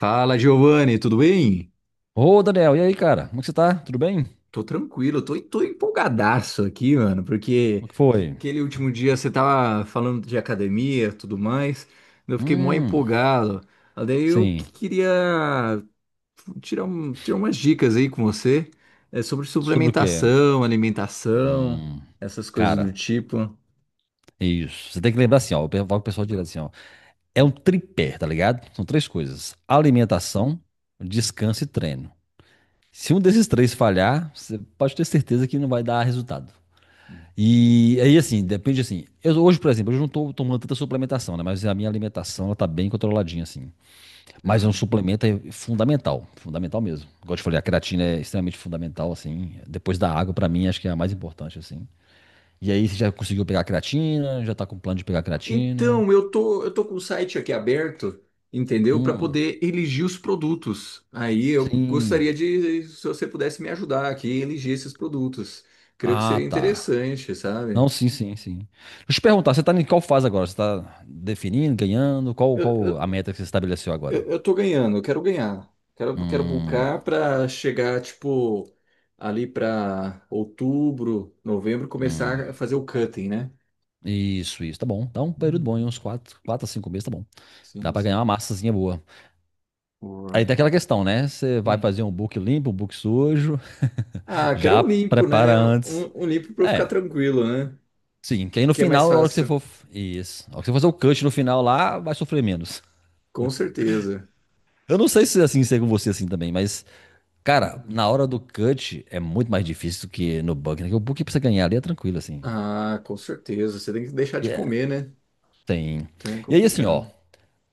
Fala, Giovanni, tudo bem? Ô, Daniel, e aí, cara? Como é que você tá? Tudo bem? Tô tranquilo, tô empolgadaço aqui, mano, O porque que foi? aquele último dia você tava falando de academia e tudo mais, eu fiquei mó Hum, empolgado. Daí eu sim. que- queria tirar umas dicas aí com você, sobre Sobre o quê? suplementação, alimentação, Hum, essas coisas do cara, tipo. é isso. Você tem que lembrar assim, ó. Eu falo com o pessoal direto assim, ó. É um Hum, tripé, tá ligado? São três coisas: hum, alimentação, descanso e treino. Se um desses três falhar, você pode ter certeza que não vai dar resultado. hum. E aí, assim, depende assim. Eu, hoje, por exemplo, eu não tô tomando tanta suplementação, né? Mas a minha alimentação, ela tá bem controladinha, assim. Da Mas é um hora. suplemento é fundamental, fundamental mesmo. Igual eu te falei, a creatina é extremamente fundamental, assim. Depois da água, pra mim, acho que é a mais importante, assim. E aí, você já conseguiu pegar a creatina? Já tá com plano de pegar a creatina? Então, eu tô com o site aqui aberto, entendeu? Para Hum, poder elegir os produtos. Aí eu sim. gostaria de, se você pudesse me ajudar aqui, elegir esses produtos. Creio que Ah, seria tá. interessante, sabe? Não, sim, sim, sim. Deixa eu te perguntar, você tá em qual fase agora? Você tá definindo, ganhando? Qual, Eu, qual a eu, meta que você estabeleceu eu agora? eu tô ganhando, eu quero ganhar. Quero Hum, buscar para chegar, tipo, ali para outubro, novembro, hum. começar a fazer o cutting, né? Isso, isso, tá bom. Dá um período bom, hein? Uhum. Uns 4, 4 a 5 meses, tá bom. Dá Sim, pra ganhar uma sim. massazinha boa. Boa. Aí tem aquela questão, né? Você vai Hum. fazer um book limpo, um book sujo, Ah, quero já um limpo, prepara né? antes. Um limpo para eu ficar É, tranquilo, né? sim. Que aí no Que é mais final, na hora que você fácil. for. Isso. Na hora que você fazer o cut no final lá, vai sofrer menos. Com certeza. Eu não sei se é assim ser com você assim também, mas. Cara, Uhum. na hora do cut é muito mais difícil do que no book, né? Porque o book pra você ganhar ali é tranquilo, assim. Ah, com certeza. Você tem que deixar E de é, comer, né? tem. Então é E aí, assim, ó. complicado.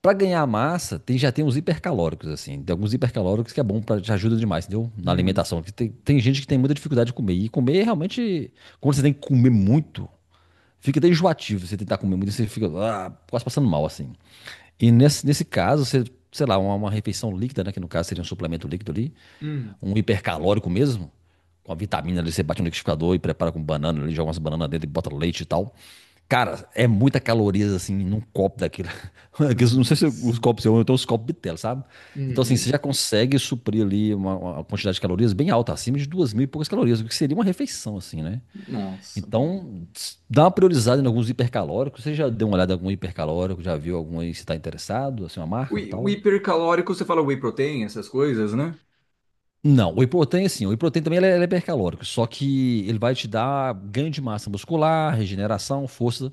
Pra ganhar massa, tem, já tem uns hipercalóricos, assim. Tem alguns hipercalóricos que é bom, pra, te ajuda demais, entendeu? Na Hum, alimentação. Que tem gente que tem muita dificuldade de comer. E comer é realmente, quando você tem que comer muito, fica até enjoativo. Você tentar comer muito, você fica quase passando mal, assim. E nesse caso, você, sei lá, uma refeição líquida, né, que no caso seria um suplemento líquido ali, hum, um hipercalórico mesmo, com a vitamina ali, você bate no liquidificador e prepara com banana ali, joga umas bananas dentro e bota leite e tal. Cara, é muita calorias assim num copo daquilo. Não sei se os nossa. copos são, eu tenho os copos Bitel, sabe? Então, assim, você Uhum. já consegue suprir ali uma quantidade de calorias bem alta, acima de duas mil e poucas calorias, o que seria uma refeição, assim, né? Nossa. Então, dá uma priorizada em alguns hipercalóricos. Você já deu uma olhada em algum hipercalórico? Já viu algum aí se está interessado? Assim, uma marca e O tal? hipercalórico, você fala whey protein, essas coisas, né? Não, o Iprotein, assim, o Iprotein também ele é hipercalórico, só que ele vai te dar ganho de massa muscular, regeneração, força,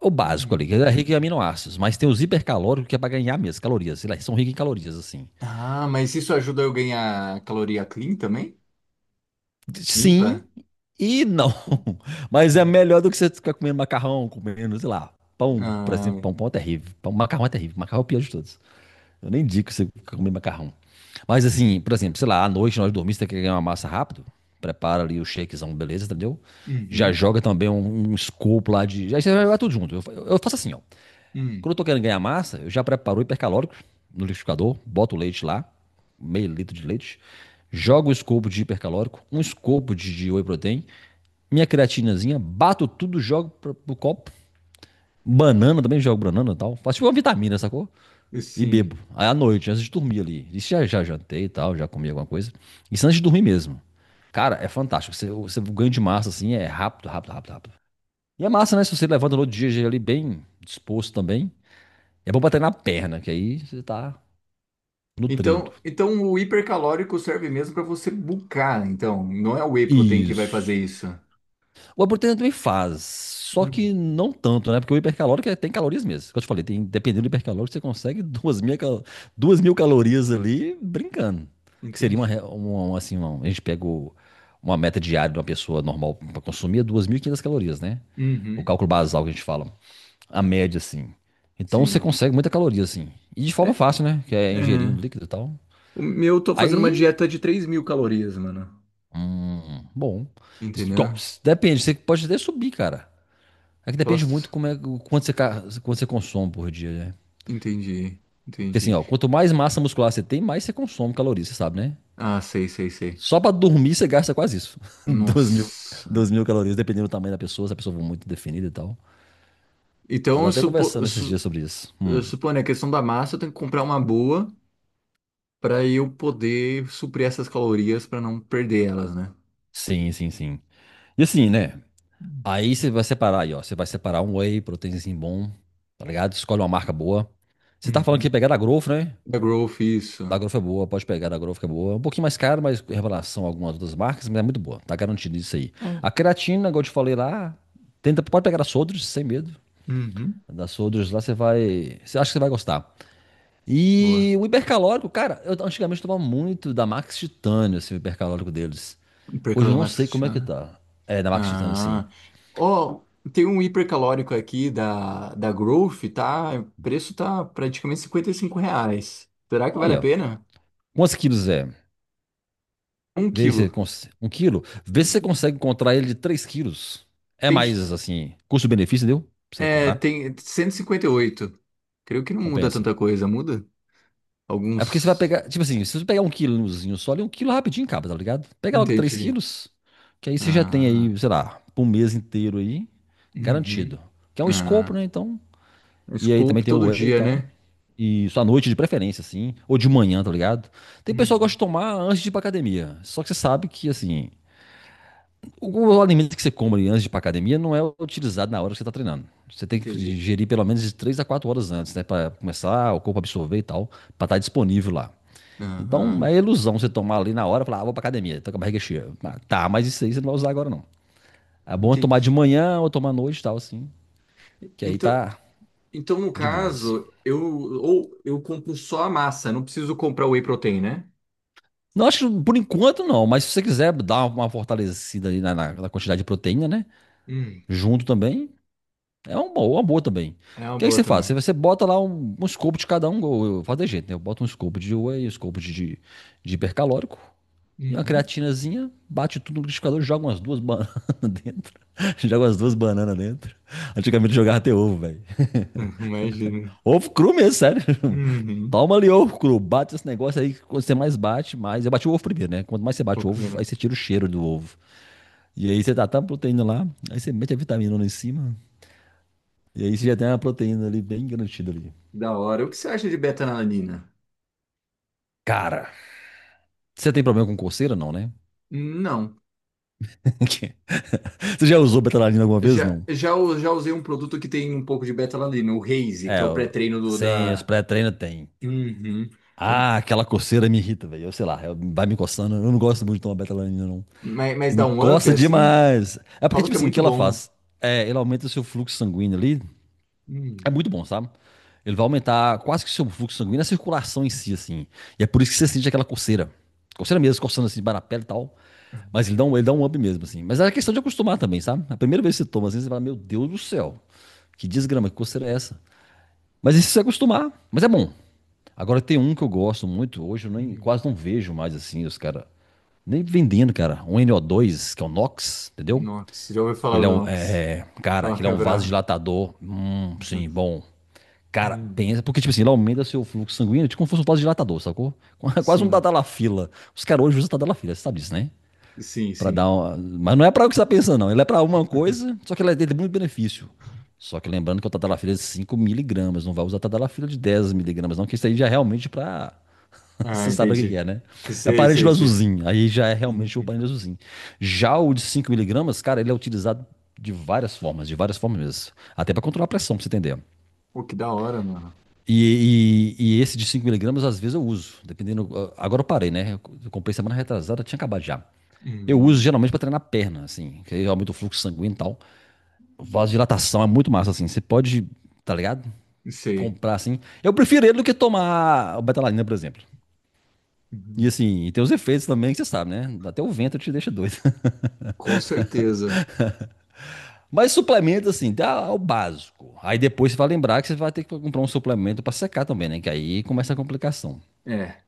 o básico ali, Uhum. que é rico em aminoácidos, mas tem os hipercalóricos que é para ganhar mesmo, calorias, eles são ricos em calorias, assim. Ah, mas isso ajuda eu ganhar caloria clean também? Limpa? Sim e não, mas é Hum. melhor do que você ficar comendo macarrão, comendo, sei lá, pão, por Ah, exemplo, pão, pão é terrível, pão, macarrão é terrível, macarrão é o pior de todos. Eu nem digo que você comer macarrão. Mas assim, por exemplo, sei lá, à noite nós dormimos, você quer ganhar uma massa rápido, prepara ali o shakezão, beleza, entendeu? Já uhum, joga também um scoop lá de. Aí você vai jogar tudo junto. Eu faço assim, ó. hum, Quando eu tô querendo ganhar massa, eu já preparo o hipercalórico no liquidificador, boto o leite lá, meio litro de leite, jogo o scoop de hipercalórico, um scoop de whey protein, minha creatinazinha, bato tudo, jogo pro copo. Banana também, jogo banana e tal. Faço tipo uma vitamina, sacou? E sim. bebo. Aí à noite, antes de dormir ali. Isso já jantei e tal, já comi alguma coisa. Isso antes de dormir mesmo. Cara, é fantástico. Você o ganho de massa, assim, é rápido, rápido, rápido, rápido. E é massa, né? Se você levanta no outro dia já é ali bem disposto também. É bom bater na perna, que aí você tá nutrido. Então, então o hipercalórico serve mesmo para você bulkar, então. Não é o whey protein que vai fazer Isso. isso. O Aburetana também faz, só que não tanto, né? Porque o hipercalórico tem calorias mesmo. Como eu te falei, tem, dependendo do hipercalórico, você consegue duas mil calorias ali brincando. Que seria uma, Entendi. re- um- um, assim, um- a gente pega o- uma meta diária de uma pessoa normal para consumir é 2.500 calorias, né? O Uhum. cálculo basal que a gente fala, a média, assim. Então você Sim. consegue muita caloria, assim. E de É, forma fácil, né? Que é é, ingerindo líquido e tal. o meu, eu tô fazendo uma Aí, dieta de 3000 calorias, mano. Bom. Isso- igual, Entendeu? Depende, você pode até subir, cara. É que depende muito Postos? como é, quanto você consome por dia, né? Entendi. Porque assim, Entendi. ó, quanto mais massa muscular você tem, mais você consome calorias, você sabe, né? Ah, sei, sei, sei. Só pra dormir você gasta quase isso. Duas mil, Nossa. duas mil calorias, dependendo do tamanho da pessoa, se a pessoa for muito definida e tal. Eu Então, tô até conversando esses dias sobre isso. eu suponho, né, a questão da massa, eu tenho que comprar uma boa para eu poder suprir essas calorias para não perder elas, né? sim, sim, sim. E assim, né? Aí você vai separar aí, ó. Você vai separar um whey, proteinzinho bom, tá ligado? Escolhe uma marca boa. Você tá falando que ia Uhum. pegar da Growth, né? Da Growth, Da isso. Growth é boa, pode pegar da Growth que é boa. É um pouquinho mais caro, mas em relação a algumas outras marcas, mas é muito boa. Tá garantido isso aí. É. A creatina, igual eu te falei lá, tenta, pode pegar a Sodrus, sem medo. Uhum. Da Sodrus lá você vai. Você acha que você vai gostar. Boa. E o hipercalórico, cara, eu antigamente tomava muito da Max Titânio, assim, o hipercalórico deles. Não perca Hoje eu ela não mais. sei como é que tá. É, da Max Titânio, assim. Ah. Ó, tem um hipercalórico aqui da Growth, tá? O preço tá praticamente R$ 55. Será que vale a Olha, ó. pena? Quantos quilos é? Um Vê se você quilo. cons... Um quilo? Vê Um se você quilo. consegue encontrar ele de 3 quilos. É Tem, mais, assim, custo-benefício, deu? Pra você é, comprar? tem cento e cinquenta e oito. Creio que não muda Compensa. tanta coisa, muda? É porque você vai Alguns. pegar, tipo assim, se você pegar um quilozinho só, ali um quilo rapidinho acaba, tá ligado? Pega logo 3 Entendi. quilos, que aí você já tem Ah. aí, sei lá, por um mês inteiro aí, garantido. Uhum. Que é um escopo, Ah. né? Então, e aí também Scope tem o todo whey e dia, tal. né? E só à noite de preferência, assim, ou de manhã, tá ligado? Tem pessoal que gosta de Uhum. tomar antes de ir pra academia. Só que você sabe que, assim, o alimento que você come ali antes de ir pra academia não é utilizado na hora que você tá treinando. Você tem que Entendi. ingerir pelo menos de 3 a 4 horas antes, né? Pra começar o corpo a absorver e tal, pra estar disponível lá. Então Aham. é ilusão você tomar ali na hora e falar, ah, vou pra academia, tô com a barriga cheia. Ah, tá, mas isso aí você não vai usar agora não. É bom é tomar de Entendi. manhã ou tomar à noite e tal, assim, que aí Então, tá então, no de boas. caso, eu compro só a massa, não preciso comprar o whey protein, né? Não, acho que por enquanto não, mas se você quiser dar uma fortalecida ali na, na quantidade de proteína, né? Hum. Junto também, é uma boa também. É O uma que aí boa você faz? Você, também. você bota lá um scoop de cada um, eu faço de jeito, né? Eu boto um scoop de whey, um scoop de hipercalórico, e uma Uhum. creatinazinha, bate tudo no liquidificador, joga umas duas bananas dentro. Joga umas duas bananas dentro. Antigamente jogava até ovo, velho. Imagina. Ovo cru mesmo, sério. Uhum. Toma ali ovo cru, bate esse negócio aí, quando você mais bate, mais. Eu bati o ovo primeiro, né? Quanto mais você Vou bate o ovo, primeiro. aí você tira o cheiro do ovo. E aí você tá a proteína lá, aí você mete a vitamina lá em cima, e aí você Que já tem uma proteína ali bem garantida ali. da hora. O que você acha de betalanina? Cara, você tem problema com coceira, não, né? Não. Você já usou betalanina alguma Eu vez, já, não? Já usei um produto que tem um pouco de betalanina, o Raze, que É, é o pré-treino sem os da. pré-treinos tem. Uhum. Eu- Ah, aquela coceira me irrita, velho. Eu sei lá, vai me coçando. Eu não gosto muito de tomar betalanina, não. Que mas dá me um up coça assim? demais. É porque, Falam tipo que é assim, o que muito ela bom. faz? É, ela aumenta o seu fluxo sanguíneo ali. Hum. É muito bom, sabe? Ele vai aumentar quase que o seu fluxo sanguíneo, a circulação em si, assim. E é por isso que você sente aquela coceira. Coceira mesmo, coçando assim, debaixo da pele e tal. Mas ele dá um up mesmo, assim. Mas é questão de acostumar também, sabe? A primeira vez que você toma, assim, você fala, meu Deus do céu, que desgrama, que coceira é essa? Mas isso você acostumar, mas é bom. Agora tem um que eu gosto muito, hoje eu nem, Uhum. quase não vejo mais assim os caras. Nem vendendo, cara. Um no dois que é o Nox, entendeu? Nox, já ouviu Que falar ele é do um. É, Nox? é, Cara, Falam que ele que é é um bravo. vasodilatador. Sim, bom. Cara, Uhum. pensa. Porque, tipo assim, ele aumenta seu fluxo sanguíneo, tipo como se fosse um vasodilatador, sacou? Quase um Sim, tadalafila. Os caras hoje usam tadalafila, você sabe disso, né? sim, Pra sim. dar uma... Mas não é pra o que você tá pensando, não. Ele é pra uma coisa, só que ele é- Ele tem muito benefício. Só que lembrando que o tadalafila é de 5 miligramas, não vai usar tadalafila de 10 miligramas, não, que isso aí já é realmente pra Ah, você sabe o que que entendi. é, né? É Sei, parente do sei, sei. azulzinho. Aí já é Uhum. realmente o parente do azulzinho. Já o de 5 miligramas, cara, ele é utilizado de várias formas mesmo. Até para controlar a pressão, pra você entender. Pô, que da hora, mano. E esse de 5 miligramas, às vezes eu uso, dependendo. Agora eu parei, né? Eu comprei semana retrasada, tinha acabado já. Eu uso Hum, geralmente para treinar a perna, assim, que aí aumenta o fluxo sanguíneo e tal. Vasodilatação é muito massa, assim. Você pode, tá ligado? sei. Comprar assim. Eu prefiro ele do que tomar o betalanina, por exemplo. E Uhum. assim, e tem os efeitos também que você sabe, né? Até o vento te deixa doido. Com certeza. Mas suplemento, assim, dá o básico. Aí depois você vai lembrar que você vai ter que comprar um suplemento para secar também, né? Que aí começa a complicação. É.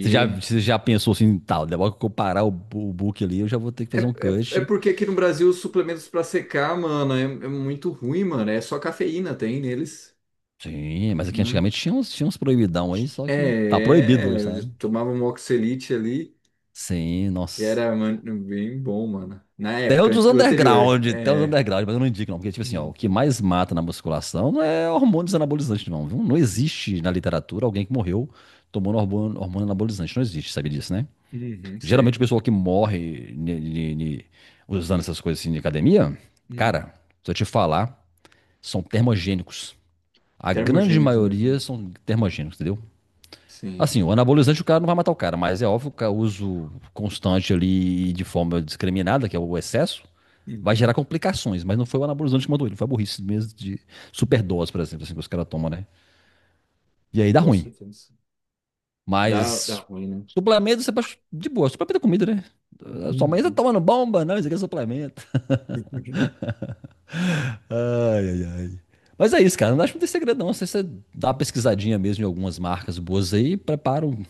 Você já pensou assim, tal, depois que eu parar o book ali, eu já vou ter que fazer um É cut. porque aqui no Brasil os suplementos pra secar, mano, é muito ruim, mano. É só cafeína tem neles, Sim, mas aqui né? antigamente tinha uns proibidão aí, só que tá É, proibido hoje, eu sabe? tomava um Oxelite ali, Sim, que nossa. era, mano, bem bom, mano. Na época, o anterior. Tem os É. underground, mas eu não indico não, porque tipo assim, ó, o que Uhum, mais mata na musculação não é hormônios anabolizantes não, viu? Não existe na literatura alguém que morreu tomando hormônio anabolizante, não existe, sabe disso, né? uhum, Geralmente sei. o pessoal que morre usando essas coisas assim de academia, Uhum. cara, se eu te falar, são termogênicos. A grande Termogênicos mesmo. maioria são termogênicos, entendeu? Sim. Assim, o anabolizante o cara não vai matar o cara, mas é óbvio que o uso constante ali e de forma discriminada, que é o excesso, vai gerar Uhum. complicações, mas não foi o anabolizante que mandou ele, foi a burrice mesmo de superdose, por exemplo, assim, que os caras tomam, né? E aí dá Com ruim. certeza. Dá, dá Mas ruim, né? suplemento você pode. De boa, suplemento é comida, né? A sua mãe tá Uhum. tomando bomba, não, isso aqui é suplemento. Ai, ai, ai. Mas é isso, cara. Não acho que não tem segredo, não. Você dá uma pesquisadinha mesmo em algumas marcas boas aí,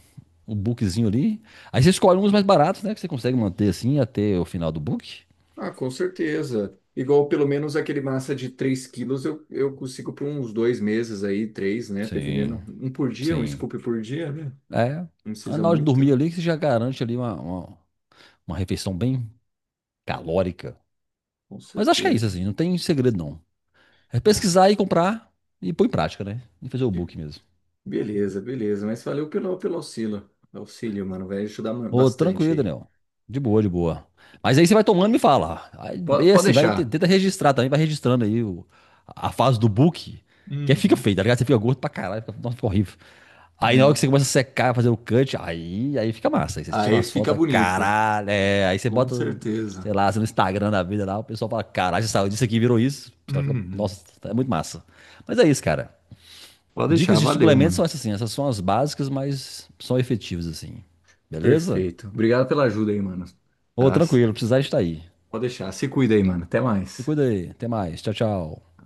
um bookzinho ali. Aí você escolhe uns mais baratos, né? Que você consegue manter assim até o final do book. Ah, com certeza. Igual pelo menos aquele massa de 3 kg eu consigo por uns 2 meses aí, três, né? Sim, Dependendo. Um por dia, um sim. scoop por dia, né? É. Não Aí precisa na hora de dormir muito. ali, que você já garante ali uma refeição bem calórica. Com Mas acho que é isso, certeza. assim. Não tem segredo, não. É Ah, pesquisar e comprar e pôr em prática, né? E fazer o be- book mesmo. beleza, beleza. Mas valeu pelo, pelo auxílio. Auxílio, mano. Vai ajudar Ô, bastante tranquilo, aí. Daniel. De boa, de boa. Mas aí você vai tomando e me fala. Aí, e Pode assim, deixar. tenta registrar também, vai registrando a fase do book, que aí fica Uhum. feio, tá ligado? Você fica gordo pra caralho, fica, nossa, fica horrível. Aí na hora que Né? você começa a secar, fazer o cut, aí fica massa. Aí você tira Aí umas fica fotos, bonito. caralho, é. Aí você Com bota, sei certeza. lá, você no Instagram da vida lá, o pessoal fala, caralho, você saiu disso aqui, e virou isso. Os caras ficam, Uhum. nossa, é muito massa. Mas é isso, cara. Pode Dicas deixar, de valeu, suplementos são mano. essas assim, essas são as básicas, mas são efetivas assim. Beleza? Perfeito. Obrigado pela ajuda aí, mano. Ô, Tá? tranquilo, precisar estar aí. Pode deixar, se cuida aí, mano. Até Se mais. cuida aí. Até mais. Tchau, tchau.